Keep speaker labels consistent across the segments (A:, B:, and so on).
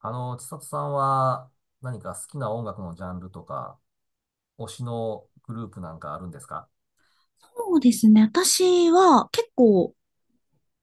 A: 千里さんは何か好きな音楽のジャンルとか、推しのグループなんかあるんですか？
B: そうですね。私は結構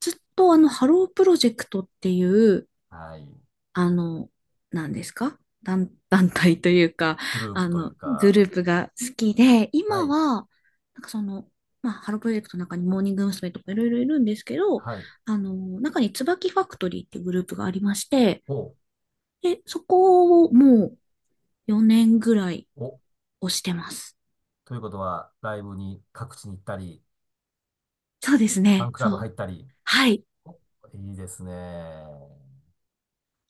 B: ずっとハロープロジェクトっていう、
A: はい。
B: あの、何ですか団、団体というか、
A: グループという
B: グ
A: か、
B: ループが好きで、
A: は
B: 今
A: い。
B: は、なんかその、まあ、ハロープロジェクトの中にモーニング娘。とかいろいろいるんですけど、
A: はい。
B: あの、中に椿ファクトリーっていうグループがありまして、
A: お、
B: で、そこをもう4年ぐらい
A: お、
B: 押してます。
A: ということは、ライブに各地に行ったり、
B: そうです
A: ファン
B: ね。
A: クラブ
B: そ
A: 入
B: う。
A: ったり、
B: はい。
A: お、いいですね。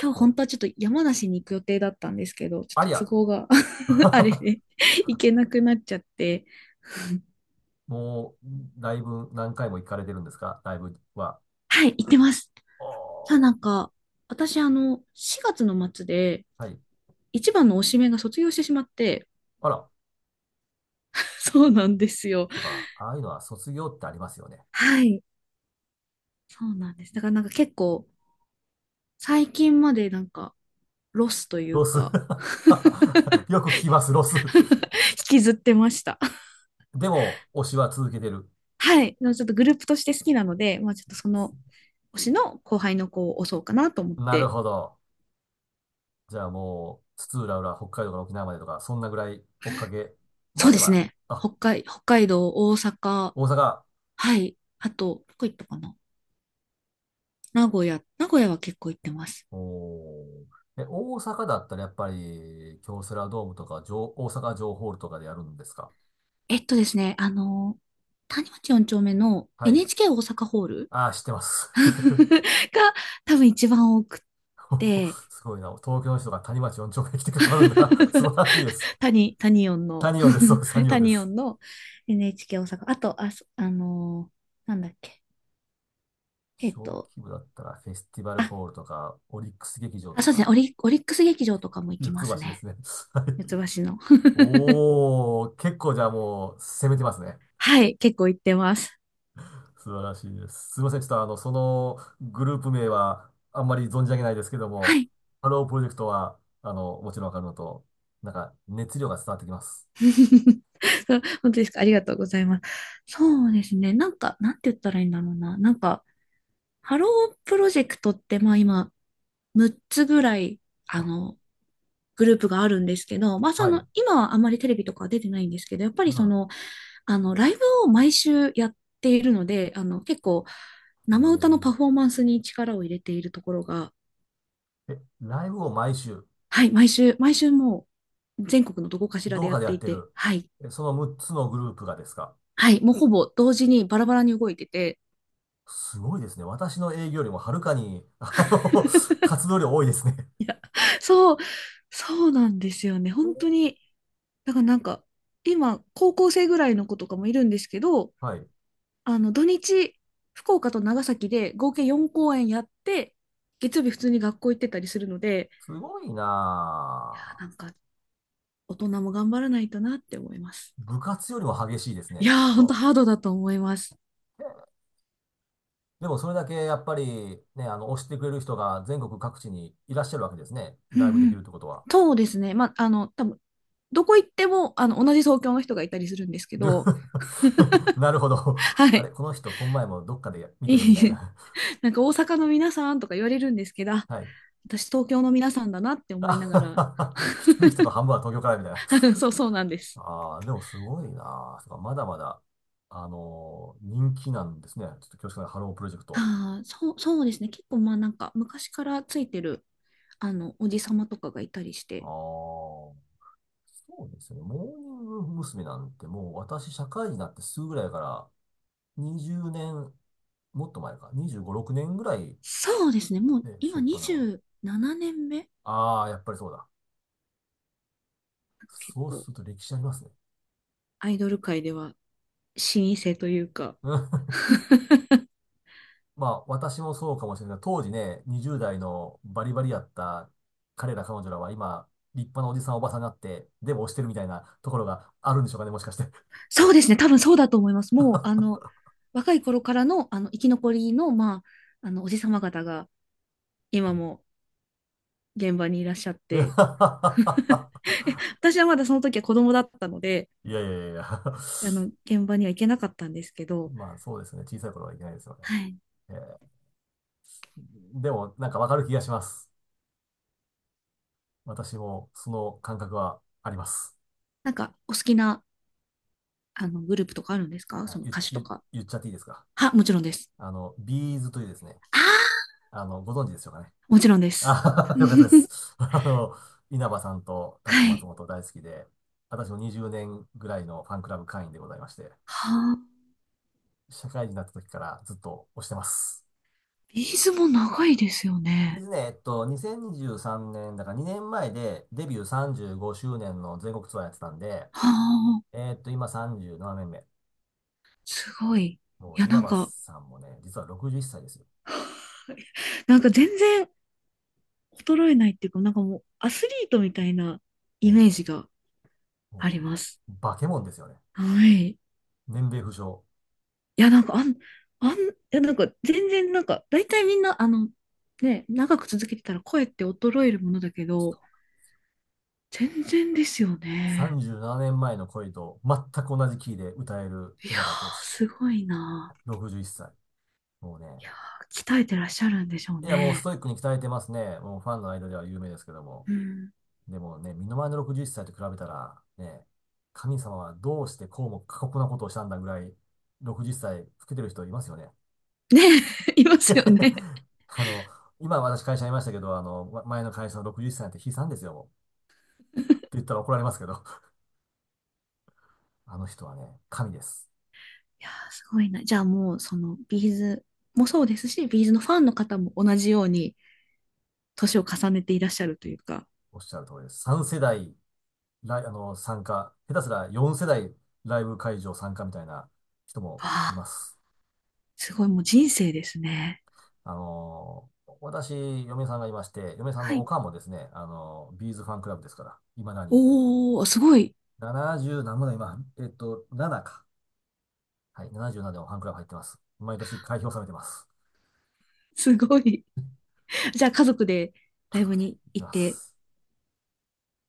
A: ちょっ
B: 今日本
A: と、
B: 当はちょっと山梨に行く予定だったんですけど、ちょっ
A: あり
B: と都
A: ゃ。
B: 合が あ れで行けなくなっちゃって。
A: もう、ライブ何回も行かれてるんですか？ライブは。
B: はい、行ってます。
A: お
B: ただな
A: ー、
B: んか、私4月の末で
A: はい。
B: 一番の推しメンが卒業してしまって、
A: あら、
B: そうなんですよ。
A: とか、ああいうのは卒業ってありますよね。
B: はい、そうなんです。だからなんか結構、最近までなんか、ロスという
A: ロス。
B: か、
A: よく聞きます、ロス。
B: 引きずってました。
A: でも、推しは続けてる。
B: はい、でもちょっとグループとして好きなので、まあちょっとその推しの後輩の子を推そうかなと思っ
A: なる
B: て、
A: ほど。じゃあもう、津々浦々、北海道から沖縄までとか、そんなぐらい追っかけ
B: そ
A: ま
B: う
A: で
B: です
A: は、
B: ね。
A: あ、
B: 北海道、大阪、
A: 大阪。
B: はい。あと、どこ行ったかな。名古屋は結構行ってます。
A: おー。え、大阪だったらやっぱり、京セラドームとか、城、大阪城ホールとかでやるんですか？
B: えっとですね、あの、谷町4丁目の
A: はい。
B: NHK 大阪ホール
A: ああ、知ってます。
B: が多分一番多くって、
A: すごいな。東京の人が谷町4丁目に来てくださるんだ。素晴 らしいです。
B: 谷音
A: サ
B: の
A: ニオンです。そう です。サ
B: はい、
A: ニオンで
B: 谷
A: す。
B: 音の NHK 大阪。あと、あ、そあのーなんだっけ。えっ
A: 小規
B: と、
A: 模だったら、フェスティバルホールとか、オリックス劇場
B: あ、
A: と
B: そ
A: か
B: うです
A: か
B: ね、
A: な。
B: オリックス劇場とかも行
A: 四
B: き
A: つ
B: ま
A: 橋
B: す
A: で
B: ね。
A: すね。はい。
B: 四つ橋の。
A: おー、結構じゃあもう、攻めてますね。
B: はい、結構行ってます。
A: 素晴らしいです。すいません。ちょっとそのグループ名は、あんまり存じ上げないですけど
B: は
A: も、
B: い。
A: ハロープロジェクトは、もちろんわかるのと、なんか、熱量が伝わってきます。
B: そう、本当ですか。ありがとうございます。そうですね。なんか、なんて言ったらいいんだろうな。なんか、ハロープロジェクトって、まあ今、6つぐらい、あ
A: あ、
B: の、グループがあるんですけど、まあそ
A: はい。
B: の、
A: う
B: 今はあんまりテレビとかは出てないんですけど、やっぱりそ
A: ん。
B: の、ライブを毎週やっているので、結構、
A: お
B: 生歌のパ
A: ー、
B: フォーマンスに力を入れているところが、
A: え、ライブを毎週、
B: はい、毎週もう、全国のどこかしらで
A: どう
B: やっ
A: かでや
B: て
A: っ
B: い
A: て
B: て、
A: る。
B: はい、
A: え、その6つのグループがですか？
B: はい、もうほぼ同時にバラバラに動いてて、
A: すごいですね。私の営業よりもはるかに、活動量多いですね。
B: そう、そうなんですよね。本当に。だからなんか、今、高校生ぐらいの子とかもいるんですけど、
A: はい。
B: 土日、福岡と長崎で合計4公演やって、月曜日普通に学校行ってたりするので、
A: すごいな
B: なんか、大人も頑張らないとなって思います。
A: ぁ。部活よりも激しいです
B: い
A: ね、きっ
B: やー、本当
A: と。
B: ハードだと思います。
A: でもそれだけやっぱりね、推してくれる人が全国各地にいらっしゃるわけですね。
B: う
A: ライブ
B: ん
A: で
B: う
A: きるっ
B: ん。
A: てことは。
B: そうですね。まあ、多分どこ行っても、同じ東京の人がいたりするんですけ
A: で。
B: ど、
A: なるほど。
B: は
A: あれ、
B: い。
A: この人、この前もどっかで 見
B: い
A: たよ、みたい
B: い、
A: な。
B: なんか大阪の皆さんとか言われるんですけど、あ、
A: はい。
B: 私東京の皆さんだなって思いながら、
A: あ。 来てる人の半分は東京からみたいな。
B: そうなんです。
A: ああ、でもすごいな。そうか、まだまだ、人気なんですね。ちょっと恐縮ながらハロープロジェクト。
B: ああ、そうですね。結構まあなんか昔からついてる、おじさまとかがいたりし
A: あ
B: て、
A: あ、そうですね。モーニング娘。なんてもう私、社会人になってすぐぐらいから20年、もっと前か、25、6年ぐらい、
B: そうですね。もう
A: ね、しょ
B: 今
A: っぱなは。
B: 27年目、
A: ああ、やっぱりそうだ。
B: なんか結
A: そうす
B: 構
A: ると歴史ありますね。
B: アイドル界では老舗というか、
A: まあ、私もそうかもしれない当時ね、20代のバリバリやった彼ら彼女らは今、立派なおじさんおばさんになって、でも推してるみたいなところがあるんでしょうかね、もしかして。
B: そうですね、多分そうだと思います。もう、若い頃からの、生き残りの、まあ、おじさま方が、
A: う
B: 今
A: ん。
B: も現場にいらっしゃって、私はまだその時は子供だったので、
A: いやいやいやいや。
B: 現場には行けなかったんですけ ど、
A: まあ、そうですね。小さい頃はいけないですよね。
B: はい。
A: えー、でも、なんかわかる気がします。私もその感覚はあります。
B: なんか、お好きな、あの、グループとかあるんですか、
A: あ、
B: その歌手とか。
A: 言っちゃっていいですか？
B: は、もちろんです。
A: ビーズというですね、
B: ああ、
A: ご存知ですよかね？
B: もちろんです。
A: あー。 よかったで す。稲葉さんとタック
B: は
A: 松
B: い。
A: 本大好きで、私も20年ぐらいのファンクラブ会員でございまして、
B: はあ、
A: 社会人になった時からずっと推してます。
B: ビーズも長いですよ
A: ビ
B: ね。
A: ズね、えっと、2023年、だから2年前でデビュー35周年の全国ツアーやってたんで、
B: はあ、
A: えっと、今37年目。
B: すごい。い
A: もう
B: や、
A: 稲
B: なん
A: 葉
B: か、
A: さんもね、実は61歳ですよ。
B: なんか全然衰えないっていうか、なんかもうアスリートみたいなイ
A: え、
B: メージがあり
A: も
B: ます。
A: う、化け物ですよね。
B: はい。
A: 年齢不詳。
B: いや、なんか、大体みんな、長く続けてたら声って衰えるものだけど、全然ですよね。
A: 37年前の恋と全く同じキーで歌える
B: いや
A: 稲葉浩
B: ー、
A: 志。
B: すごいな。
A: 61歳。もうね。
B: いやー、鍛えてらっしゃるんでしょう
A: いや、もうス
B: ね。
A: トイックに鍛えてますね。もうファンの間では有名ですけども。
B: うん。
A: でもね、身の回りの61歳と比べたら、ね、神様はどうしてこうも過酷なことをしたんだぐらい、60歳老けてる人いますよね。
B: ね、いますよね。
A: あの、今私会社にいましたけど、ま、前の会社の60歳なんて悲惨ですよ、もう。って言ったら怒られますけど、あの人はね、神です。
B: いやー、すごいな。じゃあもう、その、ビーズもそうですし、ビーズのファンの方も同じように、年を重ねていらっしゃるというか、
A: おっしゃる通りです。3世代、ライ、あの、参加、下手すら4世代ライブ会場参加みたいな人もい
B: あ
A: ま
B: あ、
A: す。
B: すごい、もう人生ですね。
A: 私、嫁さんがいまして、嫁さん
B: は
A: のお
B: い。
A: かんもですね、ビーズファンクラブですから、いまだに。
B: おー、すごい、
A: 70何もだ、今、えっと、7か。はい、77でもファンクラブ入ってます。毎年開票されてます。
B: すごい。じゃあ家族で
A: 家
B: ライ
A: 族
B: ブ
A: で
B: に
A: 行き
B: 行っ
A: ま
B: て、
A: す。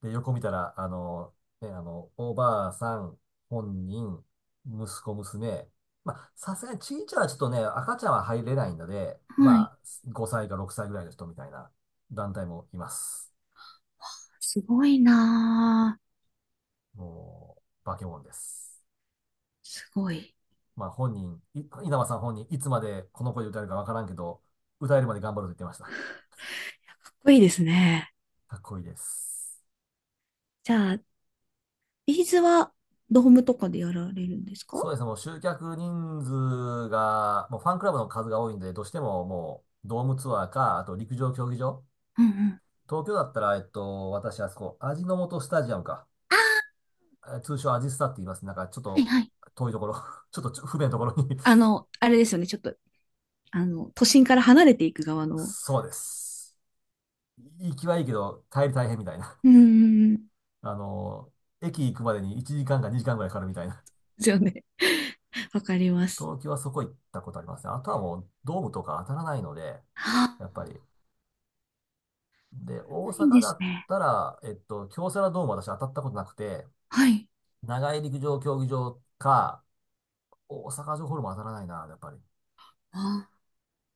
A: で、横見たら、ね、おばあさん、本人、息子、娘。まあ、さすがにちいちゃはちょっとね、赤ちゃんは入れないので、
B: はい。
A: まあ、5歳か6歳ぐらいの人みたいな団体もいます。
B: すごいなぁ。
A: もう、化け物です。
B: すごい。い
A: まあ本人、稲葉さん本人、いつまでこの声で歌えるかわからんけど、歌えるまで頑張ると言ってました。
B: や、かっこいいですね。
A: かっこいいです。
B: じゃあ、ビーズはドームとかでやられるんです
A: そ
B: か？
A: うですね、もう集客人数が、もうファンクラブの数が多いんで、どうしてももうドームツアーか、あと陸上競技場。
B: うんうん。
A: 東京だったら、えっと、私あそこ、味の素スタジアムか。
B: あ
A: え、通称アジスタって言います。なんかちょっ
B: ー、
A: と
B: はいはい。
A: 遠いところ、ちょっと不便なところに。
B: あれですよね。ちょっと、あの、都心から離れていく側 の、
A: そうです。行きはいいけど、帰り大変みたいな。
B: うんうんうん。
A: あの、駅行くまでに1時間か2時間ぐらいかかるみたいな。
B: ですよね。わかります。
A: 東京はそこ行ったことありますね。あとはもうドームとか当たらないので、
B: ああ、
A: やっぱり。で、大
B: ないん
A: 阪
B: で
A: だ
B: す
A: っ
B: ね。
A: たら、えっと、京セラドーム私当たったことなくて、
B: はい。
A: 長井陸上競技場か、大阪城ホールも当たらないな、やっぱり。
B: あ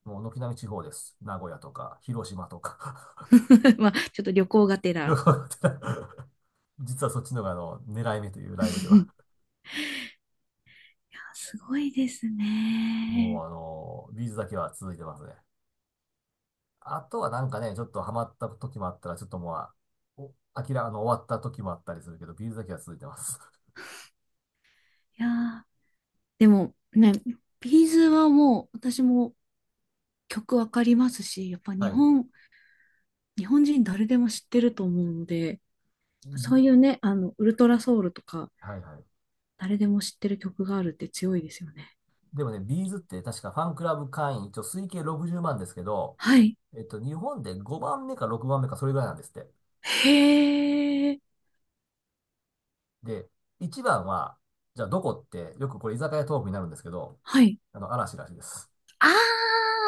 A: もう軒並み地方です。名古屋とか、広島と
B: ー
A: か。
B: まあ、ちょっと旅行がて
A: よ
B: ら。
A: くわかってない。 実はそっちのが狙い目というライブで は。
B: いや、すごいですね。
A: もうビーズだけは続いてますね。あとはなんかね、ちょっとハマった時もあったら、ちょっともうおあ、きらあの、終わった時もあったりするけど、ビーズだけは続いてます。
B: いやー、でもね、ビーズはもう私も曲わかりますし、やっぱ
A: はい。
B: 日本人誰でも知ってると思うので、
A: う
B: そう
A: ん、
B: いうね、ウルトラソウルとか、
A: はいはい。
B: 誰でも知ってる曲があるって強いですよね。
A: でもね、ビーズって確かファンクラブ会員、一応推計60万ですけど、
B: はい。
A: えっと、日本で5番目か6番目かそれぐらいなんですって。
B: へー。
A: で、1番は、じゃあどこって、よくこれ居酒屋トークになるんですけど、
B: はい。
A: 嵐らしいです。
B: あー。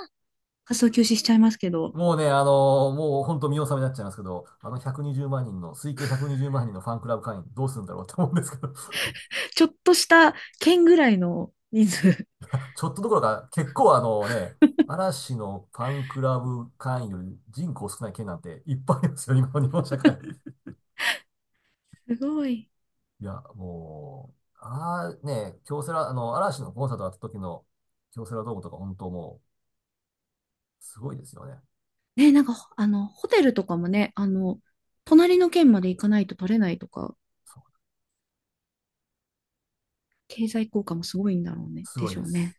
B: 活動休止しちゃいますけど、
A: もうね、もう本当見納めになっちゃいますけど、あの120万人の、推計120万人のファンクラブ会員どうするんだろうって思うんですけど、
B: ちょっとした県ぐらいの人数。
A: ちょっとどころか、結構あのね、嵐のファンクラブ会員より人口少ない県なんていっぱいありますよ、今の日本社会。
B: すごい。
A: いや、もう、ああね、京セラ、あの、嵐のコンサートあった時の京セラドームとか本当もう、すごいですよね。
B: ね、なんか、ほあの、ホテルとかもね、隣の県まで行かないと取れないとか、
A: そう、
B: 経済効果もすごいんだろうね、
A: す
B: で
A: ごい
B: しょ
A: で
B: う
A: す。
B: ね。